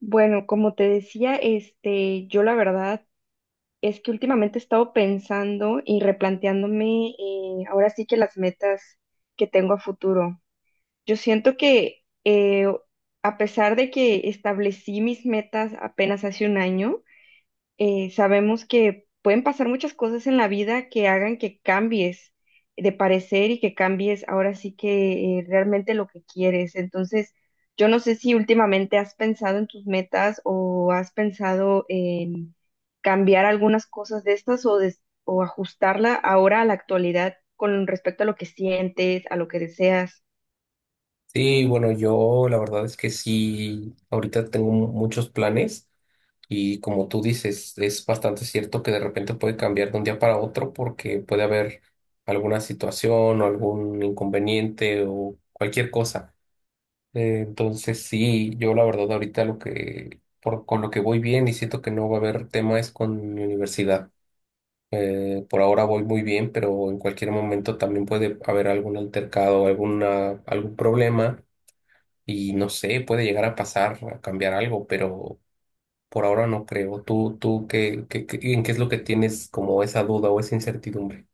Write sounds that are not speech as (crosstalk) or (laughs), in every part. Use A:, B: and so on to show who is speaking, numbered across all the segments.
A: Bueno, como te decía, yo la verdad es que últimamente he estado pensando y replanteándome ahora sí que las metas que tengo a futuro. Yo siento que a pesar de que establecí mis metas apenas hace un año, sabemos que pueden pasar muchas cosas en la vida que hagan que cambies de parecer y que cambies ahora sí que realmente lo que quieres. Entonces, yo no sé si últimamente has pensado en tus metas o has pensado en cambiar algunas cosas de estas o, o ajustarla ahora a la actualidad con respecto a lo que sientes, a lo que deseas.
B: Sí, bueno, yo la verdad es que sí, ahorita tengo muchos planes y como tú dices, es bastante cierto que de repente puede cambiar de un día para otro porque puede haber alguna situación o algún inconveniente o cualquier cosa. Entonces sí, yo la verdad ahorita con lo que voy bien y siento que no va a haber tema es con mi universidad. Por ahora voy muy bien, pero en cualquier momento también puede haber algún altercado, algún problema y no sé, puede llegar a pasar, a cambiar algo, pero por ahora no creo. ¿Tú en qué es lo que tienes como esa duda o esa incertidumbre?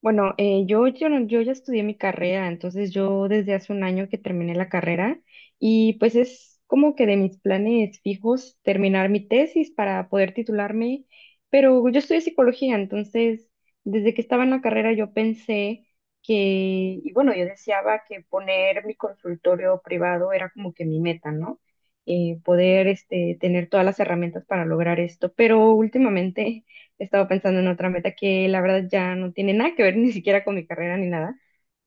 A: Bueno, yo, yo, no- yo ya estudié mi carrera, entonces yo desde hace un año que terminé la carrera y pues es como que de mis planes fijos terminar mi tesis para poder titularme, pero yo estudié psicología, entonces desde que estaba en la carrera yo pensé que, y bueno, yo deseaba que poner mi consultorio privado era como que mi meta, ¿no? Poder tener todas las herramientas para lograr esto, pero últimamente estaba pensando en otra meta que la verdad ya no tiene nada que ver ni siquiera con mi carrera ni nada,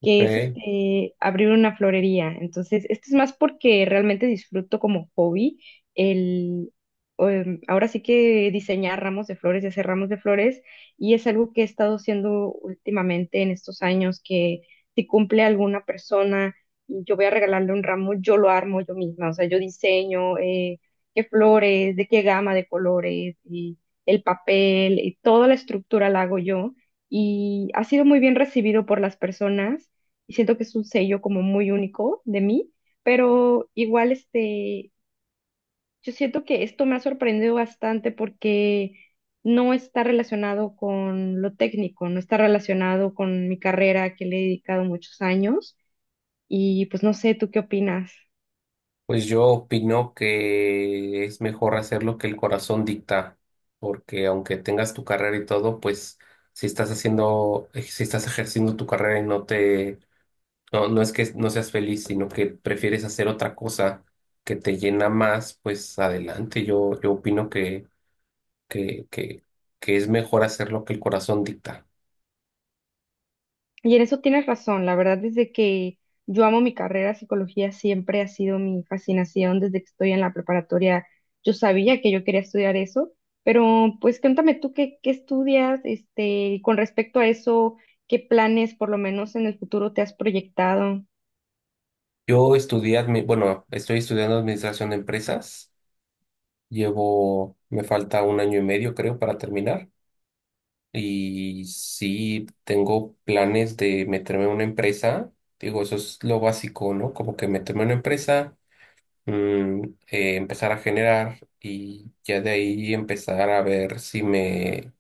B: Ok,
A: que es abrir una florería. Entonces, esto es más porque realmente disfruto como hobby el... Ahora sí que diseñar ramos de flores y hacer ramos de flores, y es algo que he estado haciendo últimamente en estos años, que si cumple alguna persona y yo voy a regalarle un ramo, yo lo armo yo misma, o sea, yo diseño, qué flores, de qué gama de colores, y el papel y toda la estructura la hago yo y ha sido muy bien recibido por las personas y siento que es un sello como muy único de mí, pero igual yo siento que esto me ha sorprendido bastante porque no está relacionado con lo técnico, no está relacionado con mi carrera que le he dedicado muchos años y pues no sé, ¿tú qué opinas?
B: pues yo opino que es mejor hacer lo que el corazón dicta, porque aunque tengas tu carrera y todo, pues si estás haciendo, si estás ejerciendo tu carrera y no te, no, no es que no seas feliz, sino que prefieres hacer otra cosa que te llena más, pues adelante. Yo opino que, que, que es mejor hacer lo que el corazón dicta.
A: Y en eso tienes razón, la verdad, desde que yo amo mi carrera, psicología siempre ha sido mi fascinación desde que estoy en la preparatoria. Yo sabía que yo quería estudiar eso, pero pues cuéntame tú qué, qué estudias, y con respecto a eso, qué planes por lo menos en el futuro te has proyectado.
B: Yo bueno, estoy estudiando administración de empresas. Llevo, me falta un año y medio, creo, para terminar. Y sí, tengo planes de meterme en una empresa. Digo, eso es lo básico, ¿no? Como que meterme en una empresa, mm, empezar a generar y ya de ahí empezar a ver si me,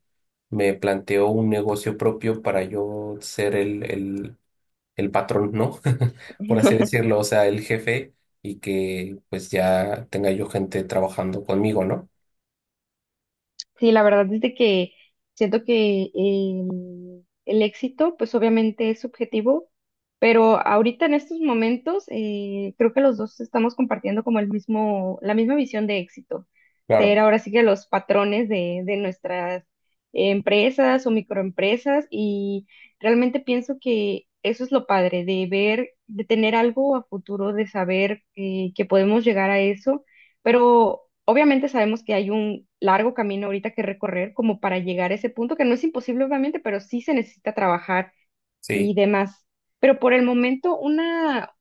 B: me planteo un negocio propio para yo ser el el patrón, ¿no? (laughs) Por así
A: (laughs)
B: decirlo, o sea, el jefe y que pues ya tenga yo gente trabajando conmigo, ¿no?
A: Sí, la verdad es de que siento que el éxito, pues obviamente es subjetivo, pero ahorita en estos momentos creo que los dos estamos compartiendo como el mismo, la misma visión de éxito. Ser
B: Claro,
A: ahora sí que los patrones de nuestras empresas o microempresas y realmente pienso que eso es lo padre de ver, de tener algo a futuro, de saber que podemos llegar a eso pero obviamente sabemos que hay un largo camino ahorita que recorrer como para llegar a ese punto, que no es imposible obviamente, pero sí se necesita trabajar y
B: sí,
A: demás. Pero por el momento,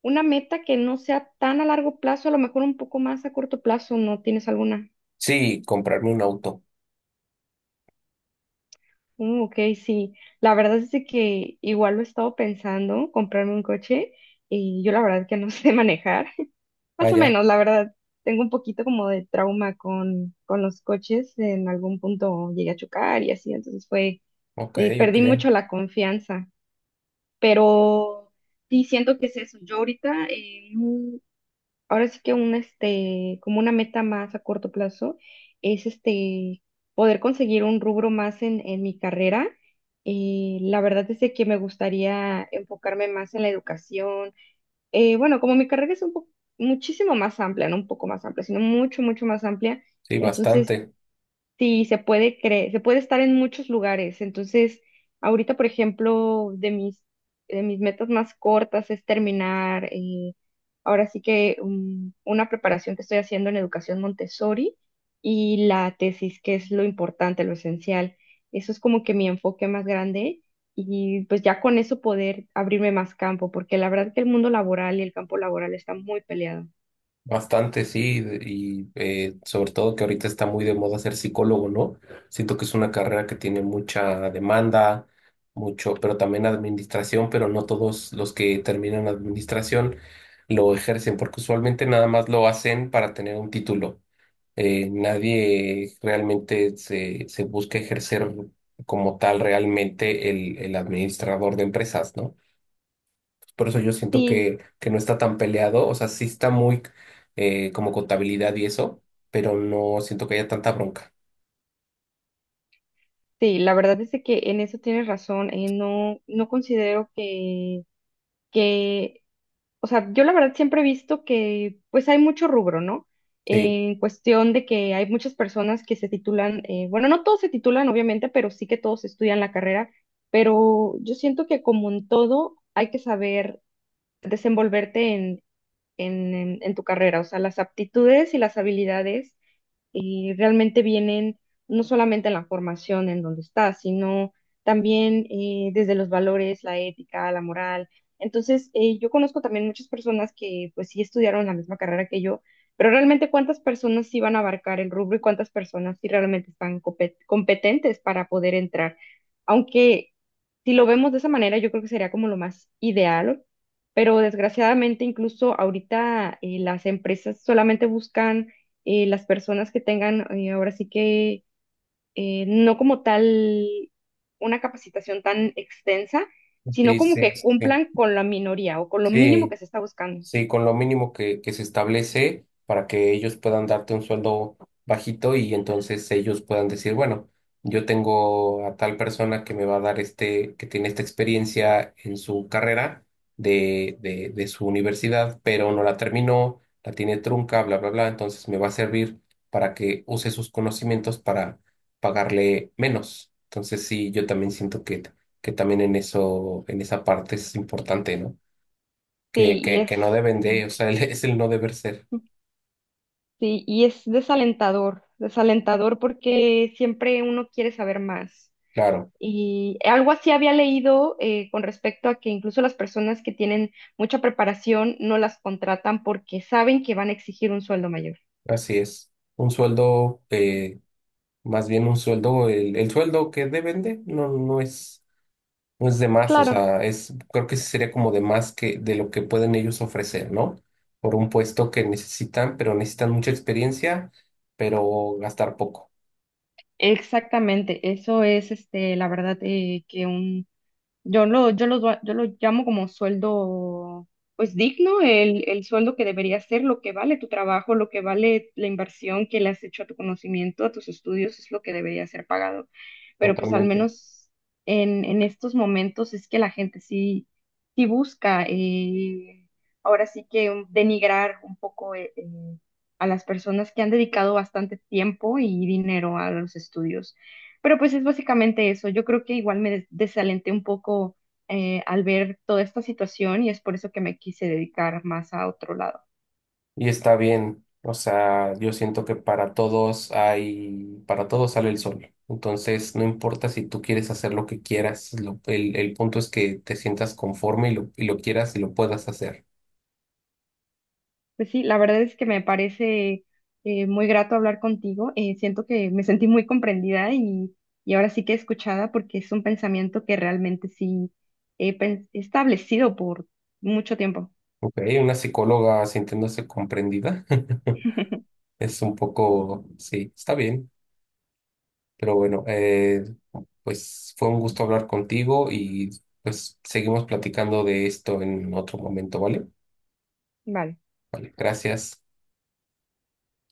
A: una meta que no sea tan a largo plazo, a lo mejor un poco más a corto plazo, ¿no tienes alguna?
B: sí, comprarme un auto.
A: Ok, sí. La verdad es de que igual lo he estado pensando, comprarme un coche, y yo la verdad que no (laughs) sé manejar.
B: Ah,
A: Más o
B: ya,
A: menos, la verdad. Tengo un poquito como de trauma con los coches. En algún punto llegué a chocar y así, entonces fue,
B: ok, ok,
A: perdí mucho la confianza. Pero sí siento que es eso. Yo ahorita, ahora sí que un, como una meta más a corto plazo, es poder conseguir un rubro más en mi carrera. La verdad es de que me gustaría enfocarme más en la educación bueno, como mi carrera es un poco, muchísimo más amplia, no un poco más amplia, sino mucho, mucho más amplia,
B: sí,
A: entonces
B: bastante,
A: sí, se puede creer, se puede estar en muchos lugares. Entonces, ahorita, por ejemplo, de mis metas más cortas es terminar, ahora sí que una preparación que estoy haciendo en educación Montessori y la tesis, que es lo importante, lo esencial. Eso es como que mi enfoque más grande y pues ya con eso poder abrirme más campo, porque la verdad que el mundo laboral y el campo laboral están muy peleados.
B: bastante, sí, y sobre todo que ahorita está muy de moda ser psicólogo, ¿no? Siento que es una carrera que tiene mucha demanda, mucho, pero también administración, pero no todos los que terminan administración lo ejercen, porque usualmente nada más lo hacen para tener un título. Eh, nadie realmente se busca ejercer como tal realmente el administrador de empresas, ¿no? Por eso yo siento
A: Sí.
B: que no está tan peleado, o sea, sí está muy como contabilidad y eso, pero no siento que haya tanta bronca.
A: Sí, la verdad es de que en eso tienes razón. No, no considero que, que, o sea, yo la verdad siempre he visto que pues hay mucho rubro, ¿no?
B: Sí,
A: En cuestión de que hay muchas personas que se titulan, bueno, no todos se titulan, obviamente, pero sí que todos estudian la carrera, pero yo siento que como en todo hay que saber desenvolverte en, en en tu carrera, o sea, las aptitudes y las habilidades realmente vienen no solamente en la formación en donde estás, sino también desde los valores, la ética, la moral. Entonces, yo conozco también muchas personas que pues sí estudiaron la misma carrera que yo, pero realmente cuántas personas sí van a abarcar el rubro y cuántas personas sí realmente están competentes para poder entrar. Aunque si lo vemos de esa manera, yo creo que sería como lo más ideal, pero desgraciadamente incluso ahorita las empresas solamente buscan las personas que tengan, ahora sí que no como tal una capacitación tan extensa, sino
B: sí,
A: como
B: sí,
A: que
B: sí,
A: cumplan con la minoría o con lo mínimo
B: sí.
A: que se está buscando.
B: Sí, con lo mínimo que se establece para que ellos puedan darte un sueldo bajito y entonces ellos puedan decir, bueno, yo tengo a tal persona que me va a dar este, que tiene esta experiencia en su carrera de su universidad, pero no la terminó, la tiene trunca, bla, bla, bla, entonces me va a servir para que use sus conocimientos para pagarle menos. Entonces sí, yo también siento que también en eso, en esa parte es importante, ¿no?
A: Sí, y es,
B: Que no deben
A: Mm.
B: de, o sea, (laughs) es el no deber ser.
A: Sí, y es desalentador, desalentador porque siempre uno quiere saber más.
B: Claro,
A: Y algo así había leído con respecto a que incluso las personas que tienen mucha preparación no las contratan porque saben que van a exigir un sueldo mayor.
B: así es. Un sueldo, más bien un sueldo, el sueldo que deben de no, no es, no es de más, o
A: Claro,
B: sea, es, creo que sí sería como de más que de lo que pueden ellos ofrecer, ¿no? Por un puesto que necesitan, pero necesitan mucha experiencia, pero gastar poco.
A: exactamente. Eso es, este, la verdad, que un Yo lo llamo como sueldo, pues digno, el sueldo que debería ser, lo que vale tu trabajo, lo que vale la inversión que le has hecho a tu conocimiento, a tus estudios, es lo que debería ser pagado. Pero pues al
B: Totalmente.
A: menos en estos momentos es que sí busca, ahora sí que denigrar un poco a las personas que han dedicado bastante tiempo y dinero a los estudios. Pero pues es básicamente eso. Yo creo que igual desalenté un poco al ver toda esta situación y es por eso que me quise dedicar más a otro lado.
B: Y está bien, o sea, yo siento que para todos hay, para todos sale el sol. Entonces, no importa si tú quieres hacer lo que quieras, el punto es que te sientas conforme y lo quieras y lo puedas hacer.
A: Pues sí, la verdad es que me parece muy grato hablar contigo. Siento que me sentí muy comprendida y ahora sí que escuchada porque es un pensamiento que realmente sí he establecido por mucho tiempo.
B: Ok, una psicóloga sintiéndose comprendida (laughs)
A: (laughs)
B: es un poco, sí, está bien, pero bueno, pues fue un gusto hablar contigo y pues seguimos platicando de esto en otro momento, ¿vale?
A: Vale.
B: Vale, gracias.